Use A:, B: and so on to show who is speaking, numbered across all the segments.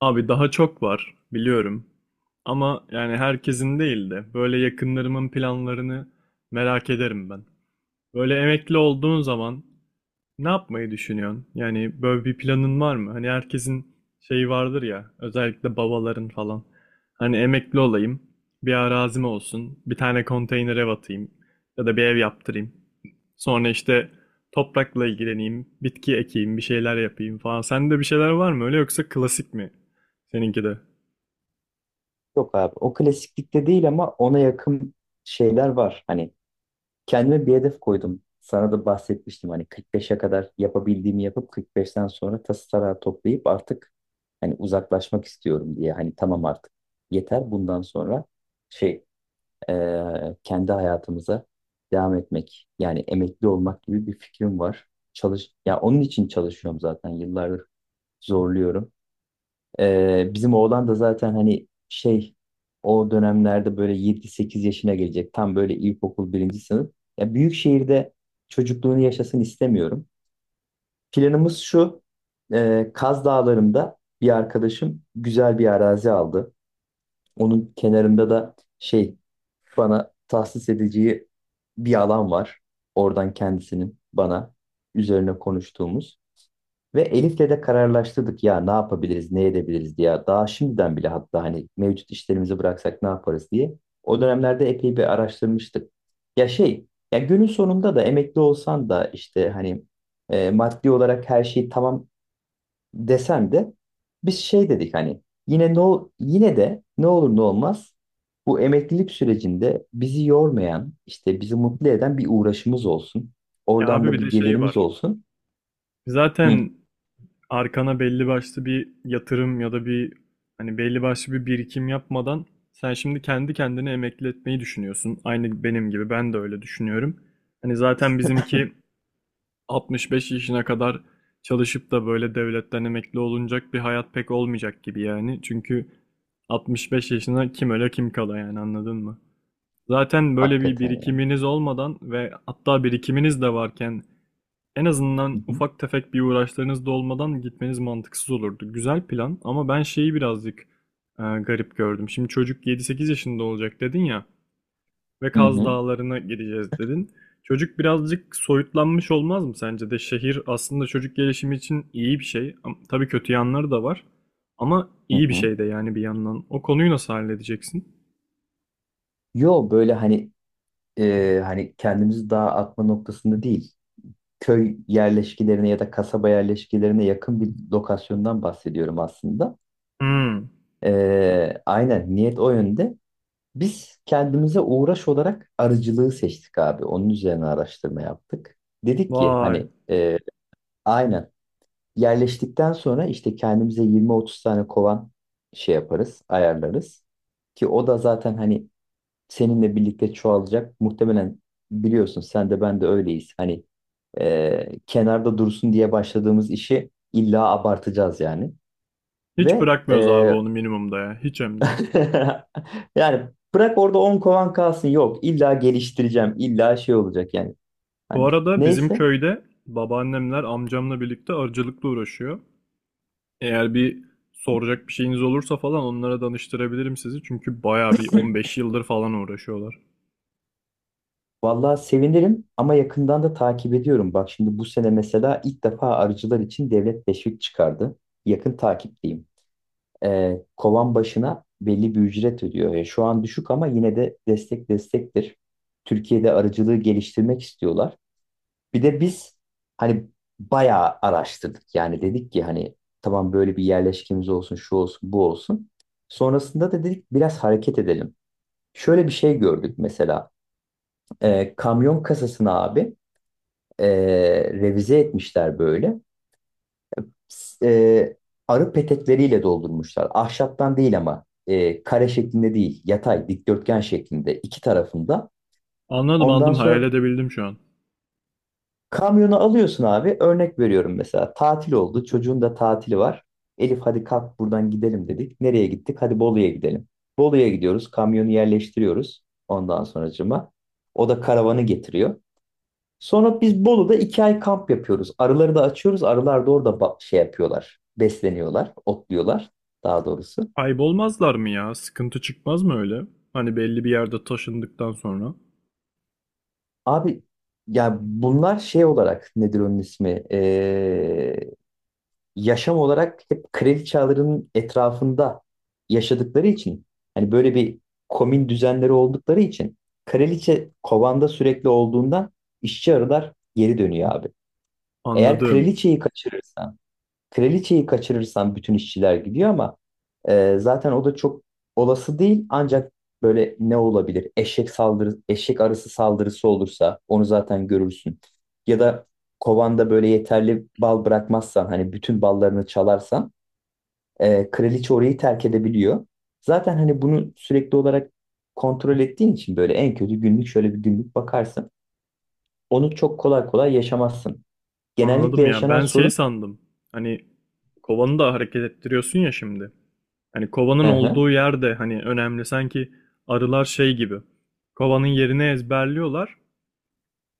A: Abi daha çok var biliyorum. Ama yani herkesin değil de böyle yakınlarımın planlarını merak ederim ben. Böyle emekli olduğun zaman ne yapmayı düşünüyorsun? Yani böyle bir planın var mı? Hani herkesin şeyi vardır ya, özellikle babaların falan. Hani emekli olayım, bir arazim olsun, bir tane konteyner ev atayım ya da bir ev yaptırayım. Sonra işte toprakla ilgileneyim, bitki ekeyim, bir şeyler yapayım falan. Sende bir şeyler var mı öyle yoksa klasik mi seninki de?
B: Yok abi o klasiklikte değil ama ona yakın şeyler var. Hani kendime bir hedef koydum. Sana da bahsetmiştim hani 45'e kadar yapabildiğimi yapıp 45'ten sonra tası tarağı toplayıp artık hani uzaklaşmak istiyorum diye. Hani tamam artık yeter bundan sonra şey kendi hayatımıza devam etmek yani emekli olmak gibi bir fikrim var. Çalış ya onun için çalışıyorum zaten yıllardır zorluyorum. Bizim oğlan da zaten hani o dönemlerde böyle 7-8 yaşına gelecek. Tam böyle ilkokul birinci sınıf. Ya büyük şehirde çocukluğunu yaşasın istemiyorum. Planımız şu. Kaz Dağları'nda bir arkadaşım güzel bir arazi aldı. Onun kenarında da bana tahsis edeceği bir alan var. Oradan kendisinin bana üzerine konuştuğumuz. Ve Elif'le de kararlaştırdık ya ne yapabiliriz, ne edebiliriz diye. Daha şimdiden bile hatta hani mevcut işlerimizi bıraksak ne yaparız diye. O dönemlerde epey bir araştırmıştık. Ya şey, ya günün sonunda da emekli olsan da işte hani maddi olarak her şey tamam desen de biz şey dedik hani yine yine de ne olur ne olmaz bu emeklilik sürecinde bizi yormayan, işte bizi mutlu eden bir uğraşımız olsun.
A: Ya
B: Oradan
A: abi
B: da
A: bir
B: bir
A: de şey
B: gelirimiz
A: var.
B: olsun. Hı.
A: Zaten arkana belli başlı bir yatırım ya da bir hani belli başlı bir birikim yapmadan sen şimdi kendi kendine emekli etmeyi düşünüyorsun. Aynı benim gibi ben de öyle düşünüyorum. Hani zaten bizimki 65 yaşına kadar çalışıp da böyle devletten emekli olunacak bir hayat pek olmayacak gibi yani. Çünkü 65 yaşına kim öle kim kala yani anladın mı? Zaten böyle bir
B: Hakikaten yani.
A: birikiminiz olmadan ve hatta birikiminiz de varken en azından
B: Hı hı.
A: ufak tefek bir uğraşlarınız da olmadan gitmeniz mantıksız olurdu. Güzel plan ama ben şeyi birazcık garip gördüm. Şimdi çocuk 7-8 yaşında olacak dedin ya ve
B: Hı
A: Kaz
B: hı.
A: Dağları'na gideceğiz dedin. Çocuk birazcık soyutlanmış olmaz mı sence de? Şehir aslında çocuk gelişimi için iyi bir şey. Tabii kötü yanları da var ama
B: Hı
A: iyi bir
B: hı.
A: şey de yani bir yandan. O konuyu nasıl halledeceksin?
B: Yo böyle hani kendimizi dağa atma noktasında değil. Köy yerleşkilerine ya da kasaba yerleşkilerine yakın bir lokasyondan bahsediyorum aslında.
A: Hmm,
B: Aynen niyet o yönde. Biz kendimize uğraş olarak arıcılığı seçtik abi. Onun üzerine araştırma yaptık. Dedik ki
A: vay.
B: hani aynen yerleştikten sonra işte kendimize 20-30 tane kovan şey yaparız, ayarlarız. Ki o da zaten hani seninle birlikte çoğalacak. Muhtemelen biliyorsun sen de ben de öyleyiz. Hani kenarda dursun diye başladığımız işi illa abartacağız yani.
A: Hiç
B: Ve
A: bırakmıyoruz abi onu minimumda ya. Hiç hem de.
B: yani bırak orada 10 kovan kalsın, yok illa geliştireceğim, illa şey olacak yani.
A: Bu
B: Hani
A: arada bizim
B: neyse
A: köyde babaannemler amcamla birlikte arıcılıkla uğraşıyor. Eğer bir soracak bir şeyiniz olursa falan onlara danıştırabilirim sizi. Çünkü bayağı bir 15 yıldır falan uğraşıyorlar.
B: vallahi sevinirim ama yakından da takip ediyorum. Bak şimdi bu sene mesela ilk defa arıcılar için devlet teşvik çıkardı. Yakın takipteyim. Kovan başına belli bir ücret ödüyor. Şu an düşük ama yine de destek destektir. Türkiye'de arıcılığı geliştirmek istiyorlar. Bir de biz hani bayağı araştırdık. Yani dedik ki hani tamam böyle bir yerleşkemiz olsun, şu olsun, bu olsun. Sonrasında da dedik biraz hareket edelim. Şöyle bir şey gördük mesela. Kamyon kasasını abi e, revize etmişler böyle. s- e, Arı petekleriyle doldurmuşlar. Ahşaptan değil ama kare şeklinde değil, yatay, dikdörtgen şeklinde iki tarafında.
A: Anladım
B: Ondan
A: anladım hayal
B: sonra
A: edebildim şu an.
B: kamyonu alıyorsun abi. Örnek veriyorum, mesela tatil oldu. Çocuğun da tatili var. Elif hadi kalk buradan gidelim dedik. Nereye gittik? Hadi Bolu'ya gidelim. Bolu'ya gidiyoruz. Kamyonu yerleştiriyoruz. Ondan sonracıma. O da karavanı getiriyor. Sonra biz Bolu'da 2 ay kamp yapıyoruz. Arıları da açıyoruz. Arılar da orada şey yapıyorlar. Besleniyorlar, otluyorlar daha doğrusu.
A: Kaybolmazlar mı ya? Sıkıntı çıkmaz mı öyle? Hani belli bir yerde taşındıktan sonra.
B: Abi ya bunlar şey olarak nedir onun ismi? Yaşam olarak hep kraliçelerin etrafında yaşadıkları için hani böyle bir komün düzenleri oldukları için kraliçe kovanda sürekli olduğundan işçi arılar geri dönüyor abi. Eğer
A: Anladım.
B: kraliçeyi kaçırırsan Kraliçeyi kaçırırsan bütün işçiler gidiyor ama zaten o da çok olası değil. Ancak böyle ne olabilir? Eşek arısı saldırısı olursa onu zaten görürsün. Ya da kovanda böyle yeterli bal bırakmazsan, hani bütün ballarını çalarsan kraliçe orayı terk edebiliyor. Zaten hani bunu sürekli olarak kontrol ettiğin için böyle en kötü günlük, şöyle bir günlük bakarsın. Onu çok kolay kolay yaşamazsın. Genellikle
A: Anladım ya.
B: yaşanan
A: Ben şey
B: sorun...
A: sandım. Hani kovanı da hareket ettiriyorsun ya şimdi. Hani kovanın
B: Hı hı.
A: olduğu yerde hani önemli sanki arılar şey gibi. Kovanın yerini ezberliyorlar.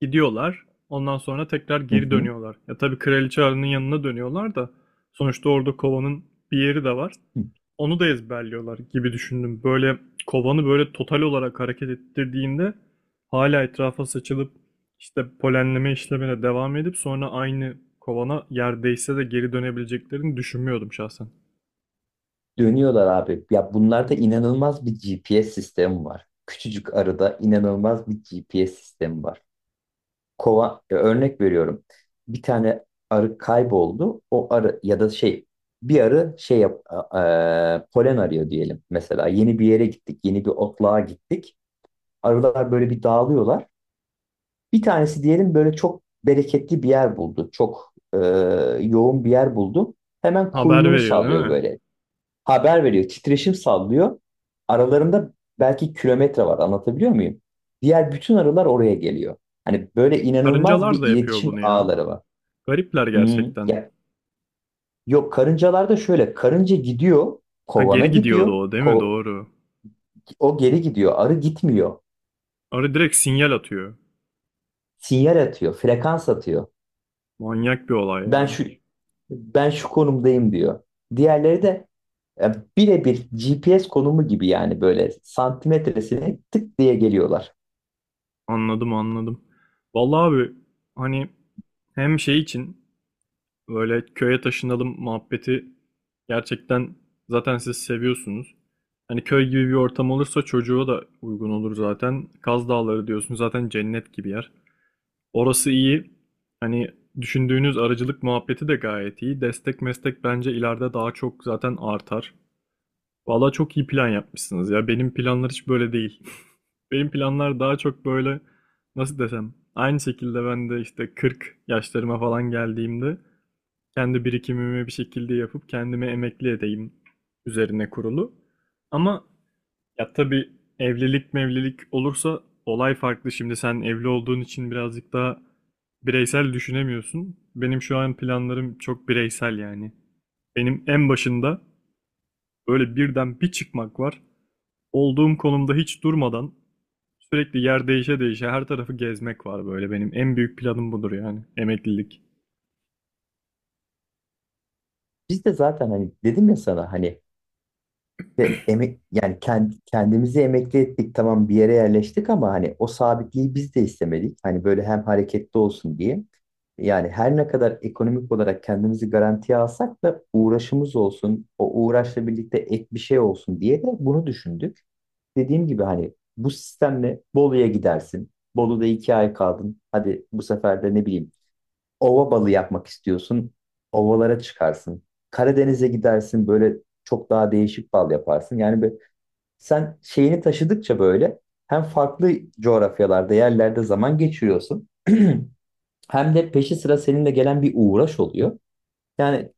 A: Gidiyorlar. Ondan sonra tekrar
B: Hı
A: geri
B: hı.
A: dönüyorlar. Ya tabii Kraliçe Arı'nın yanına dönüyorlar da sonuçta orada kovanın bir yeri de var. Onu da ezberliyorlar gibi düşündüm. Böyle kovanı böyle total olarak hareket ettirdiğinde hala etrafa saçılıp işte polenleme işlemine devam edip sonra aynı kovana yerdeyse de geri dönebileceklerini düşünmüyordum şahsen.
B: Dönüyorlar abi. Ya bunlarda inanılmaz bir GPS sistemi var. Küçücük arıda inanılmaz bir GPS sistemi var. Örnek veriyorum. Bir tane arı kayboldu. O arı ya da şey, bir arı şey yap, polen arıyor diyelim. Mesela yeni bir yere gittik, yeni bir otluğa gittik. Arılar böyle bir dağılıyorlar. Bir tanesi diyelim böyle çok bereketli bir yer buldu. Çok yoğun bir yer buldu. Hemen
A: Haber
B: kuyruğunu
A: veriyor değil
B: sallıyor,
A: mi?
B: böyle haber veriyor. Titreşim sallıyor. Aralarında belki kilometre var. Anlatabiliyor muyum? Diğer bütün arılar oraya geliyor. Hani böyle inanılmaz
A: Karıncalar
B: bir
A: da yapıyor
B: iletişim
A: bunu ya.
B: ağları var.
A: Garipler
B: Hmm,
A: gerçekten.
B: ya. Yok, karıncalarda şöyle, karınca gidiyor
A: Ha
B: kovana
A: geri gidiyordu
B: gidiyor,
A: o değil mi? Doğru.
B: o geri gidiyor, arı gitmiyor,
A: Arı direkt sinyal atıyor.
B: sinyal atıyor, frekans atıyor,
A: Manyak bir olay
B: ben
A: ya.
B: şu ben şu konumdayım diyor. Diğerleri de birebir GPS konumu gibi yani böyle santimetresine tık diye geliyorlar.
A: Anladım anladım. Vallahi abi hani hem şey için böyle köye taşınalım muhabbeti gerçekten zaten siz seviyorsunuz. Hani köy gibi bir ortam olursa çocuğa da uygun olur zaten. Kaz Dağları diyorsun zaten cennet gibi yer. Orası iyi. Hani düşündüğünüz arıcılık muhabbeti de gayet iyi. Destek meslek bence ileride daha çok zaten artar. Vallahi çok iyi plan yapmışsınız ya. Benim planlar hiç böyle değil. Benim planlar daha çok böyle nasıl desem aynı şekilde ben de işte 40 yaşlarıma falan geldiğimde kendi birikimimi bir şekilde yapıp kendimi emekli edeyim üzerine kurulu. Ama ya tabii evlilik mevlilik olursa olay farklı. Şimdi sen evli olduğun için birazcık daha bireysel düşünemiyorsun. Benim şu an planlarım çok bireysel yani. Benim en başında böyle birden bir çıkmak var olduğum konumda hiç durmadan sürekli yer değişe değişe her tarafı gezmek var böyle benim en büyük planım budur yani emeklilik.
B: Biz de zaten hani dedim ya sana hani de emek yani kendimizi emekli ettik, tamam bir yere yerleştik ama hani o sabitliği biz de istemedik. Hani böyle hem hareketli olsun diye. Yani her ne kadar ekonomik olarak kendimizi garantiye alsak da uğraşımız olsun, o uğraşla birlikte ek bir şey olsun diye de bunu düşündük. Dediğim gibi hani bu sistemle Bolu'ya gidersin. Bolu'da 2 ay kaldın. Hadi bu sefer de ne bileyim, ova balı yapmak istiyorsun. Ovalara çıkarsın. Karadeniz'e gidersin, böyle çok daha değişik bal yaparsın. Yani sen şeyini taşıdıkça böyle hem farklı coğrafyalarda, yerlerde zaman geçiriyorsun. Hem de peşi sıra seninle gelen bir uğraş oluyor. Yani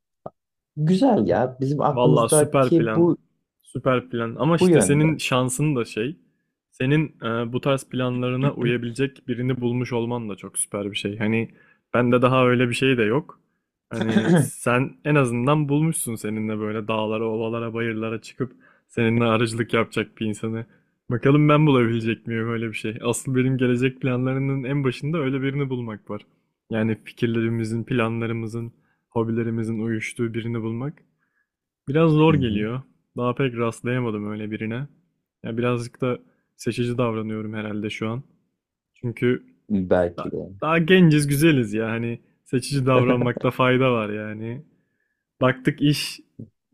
B: güzel ya. Bizim
A: Valla süper
B: aklımızdaki
A: plan.
B: bu.
A: Süper plan. Ama
B: Bu
A: işte senin
B: yönde.
A: şansın da şey. Senin bu tarz planlarına uyabilecek birini bulmuş olman da çok süper bir şey. Hani bende daha öyle bir şey de yok. Hani sen en azından bulmuşsun seninle böyle dağlara, ovalara, bayırlara çıkıp seninle arıcılık yapacak bir insanı. Bakalım ben bulabilecek miyim öyle bir şey. Asıl benim gelecek planlarının en başında öyle birini bulmak var. Yani fikirlerimizin, planlarımızın, hobilerimizin uyuştuğu birini bulmak. Biraz zor
B: Hı hı.
A: geliyor. Daha pek rastlayamadım öyle birine. Ya birazcık da seçici davranıyorum herhalde şu an. Çünkü
B: Belki de.
A: daha genciz, güzeliz ya. Hani seçici davranmakta fayda var yani. Baktık iş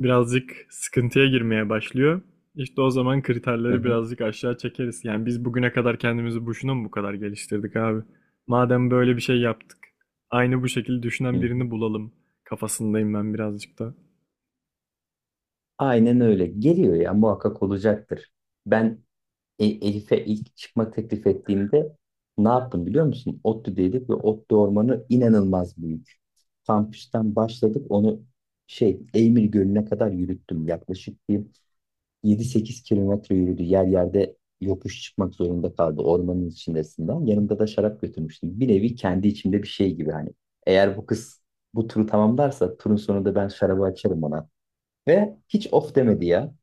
A: birazcık sıkıntıya girmeye başlıyor. İşte o zaman
B: Hı
A: kriterleri
B: hı.
A: birazcık aşağı çekeriz. Yani biz bugüne kadar kendimizi boşuna mı bu kadar geliştirdik abi? Madem böyle bir şey yaptık, aynı bu şekilde düşünen
B: Hı hı.
A: birini bulalım kafasındayım ben birazcık da.
B: Aynen öyle. Geliyor ya, muhakkak olacaktır. Ben Elif'e ilk çıkma teklif ettiğimde ne yaptım biliyor musun? ODTÜ'deydik ve ODTÜ ormanı inanılmaz büyük. Kampüsten başladık, onu Eymir Gölü'ne kadar yürüttüm. Yaklaşık bir 7-8 kilometre yürüdü. Yer yerde yokuş çıkmak zorunda kaldı ormanın içindesinden. Yanımda da şarap götürmüştüm. Bir nevi kendi içimde bir şey gibi hani. Eğer bu kız bu turu tamamlarsa turun sonunda ben şarabı açarım ona. Ve hiç of demedi ya.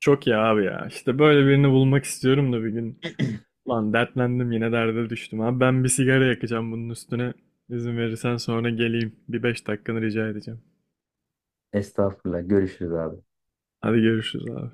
A: Çok iyi abi ya. İşte böyle birini bulmak istiyorum da bir gün. Lan dertlendim yine derde düştüm abi. Ben bir sigara yakacağım bunun üstüne. İzin verirsen sonra geleyim. Bir 5 dakikanı rica edeceğim.
B: Estağfurullah, görüşürüz abi.
A: Hadi görüşürüz abi.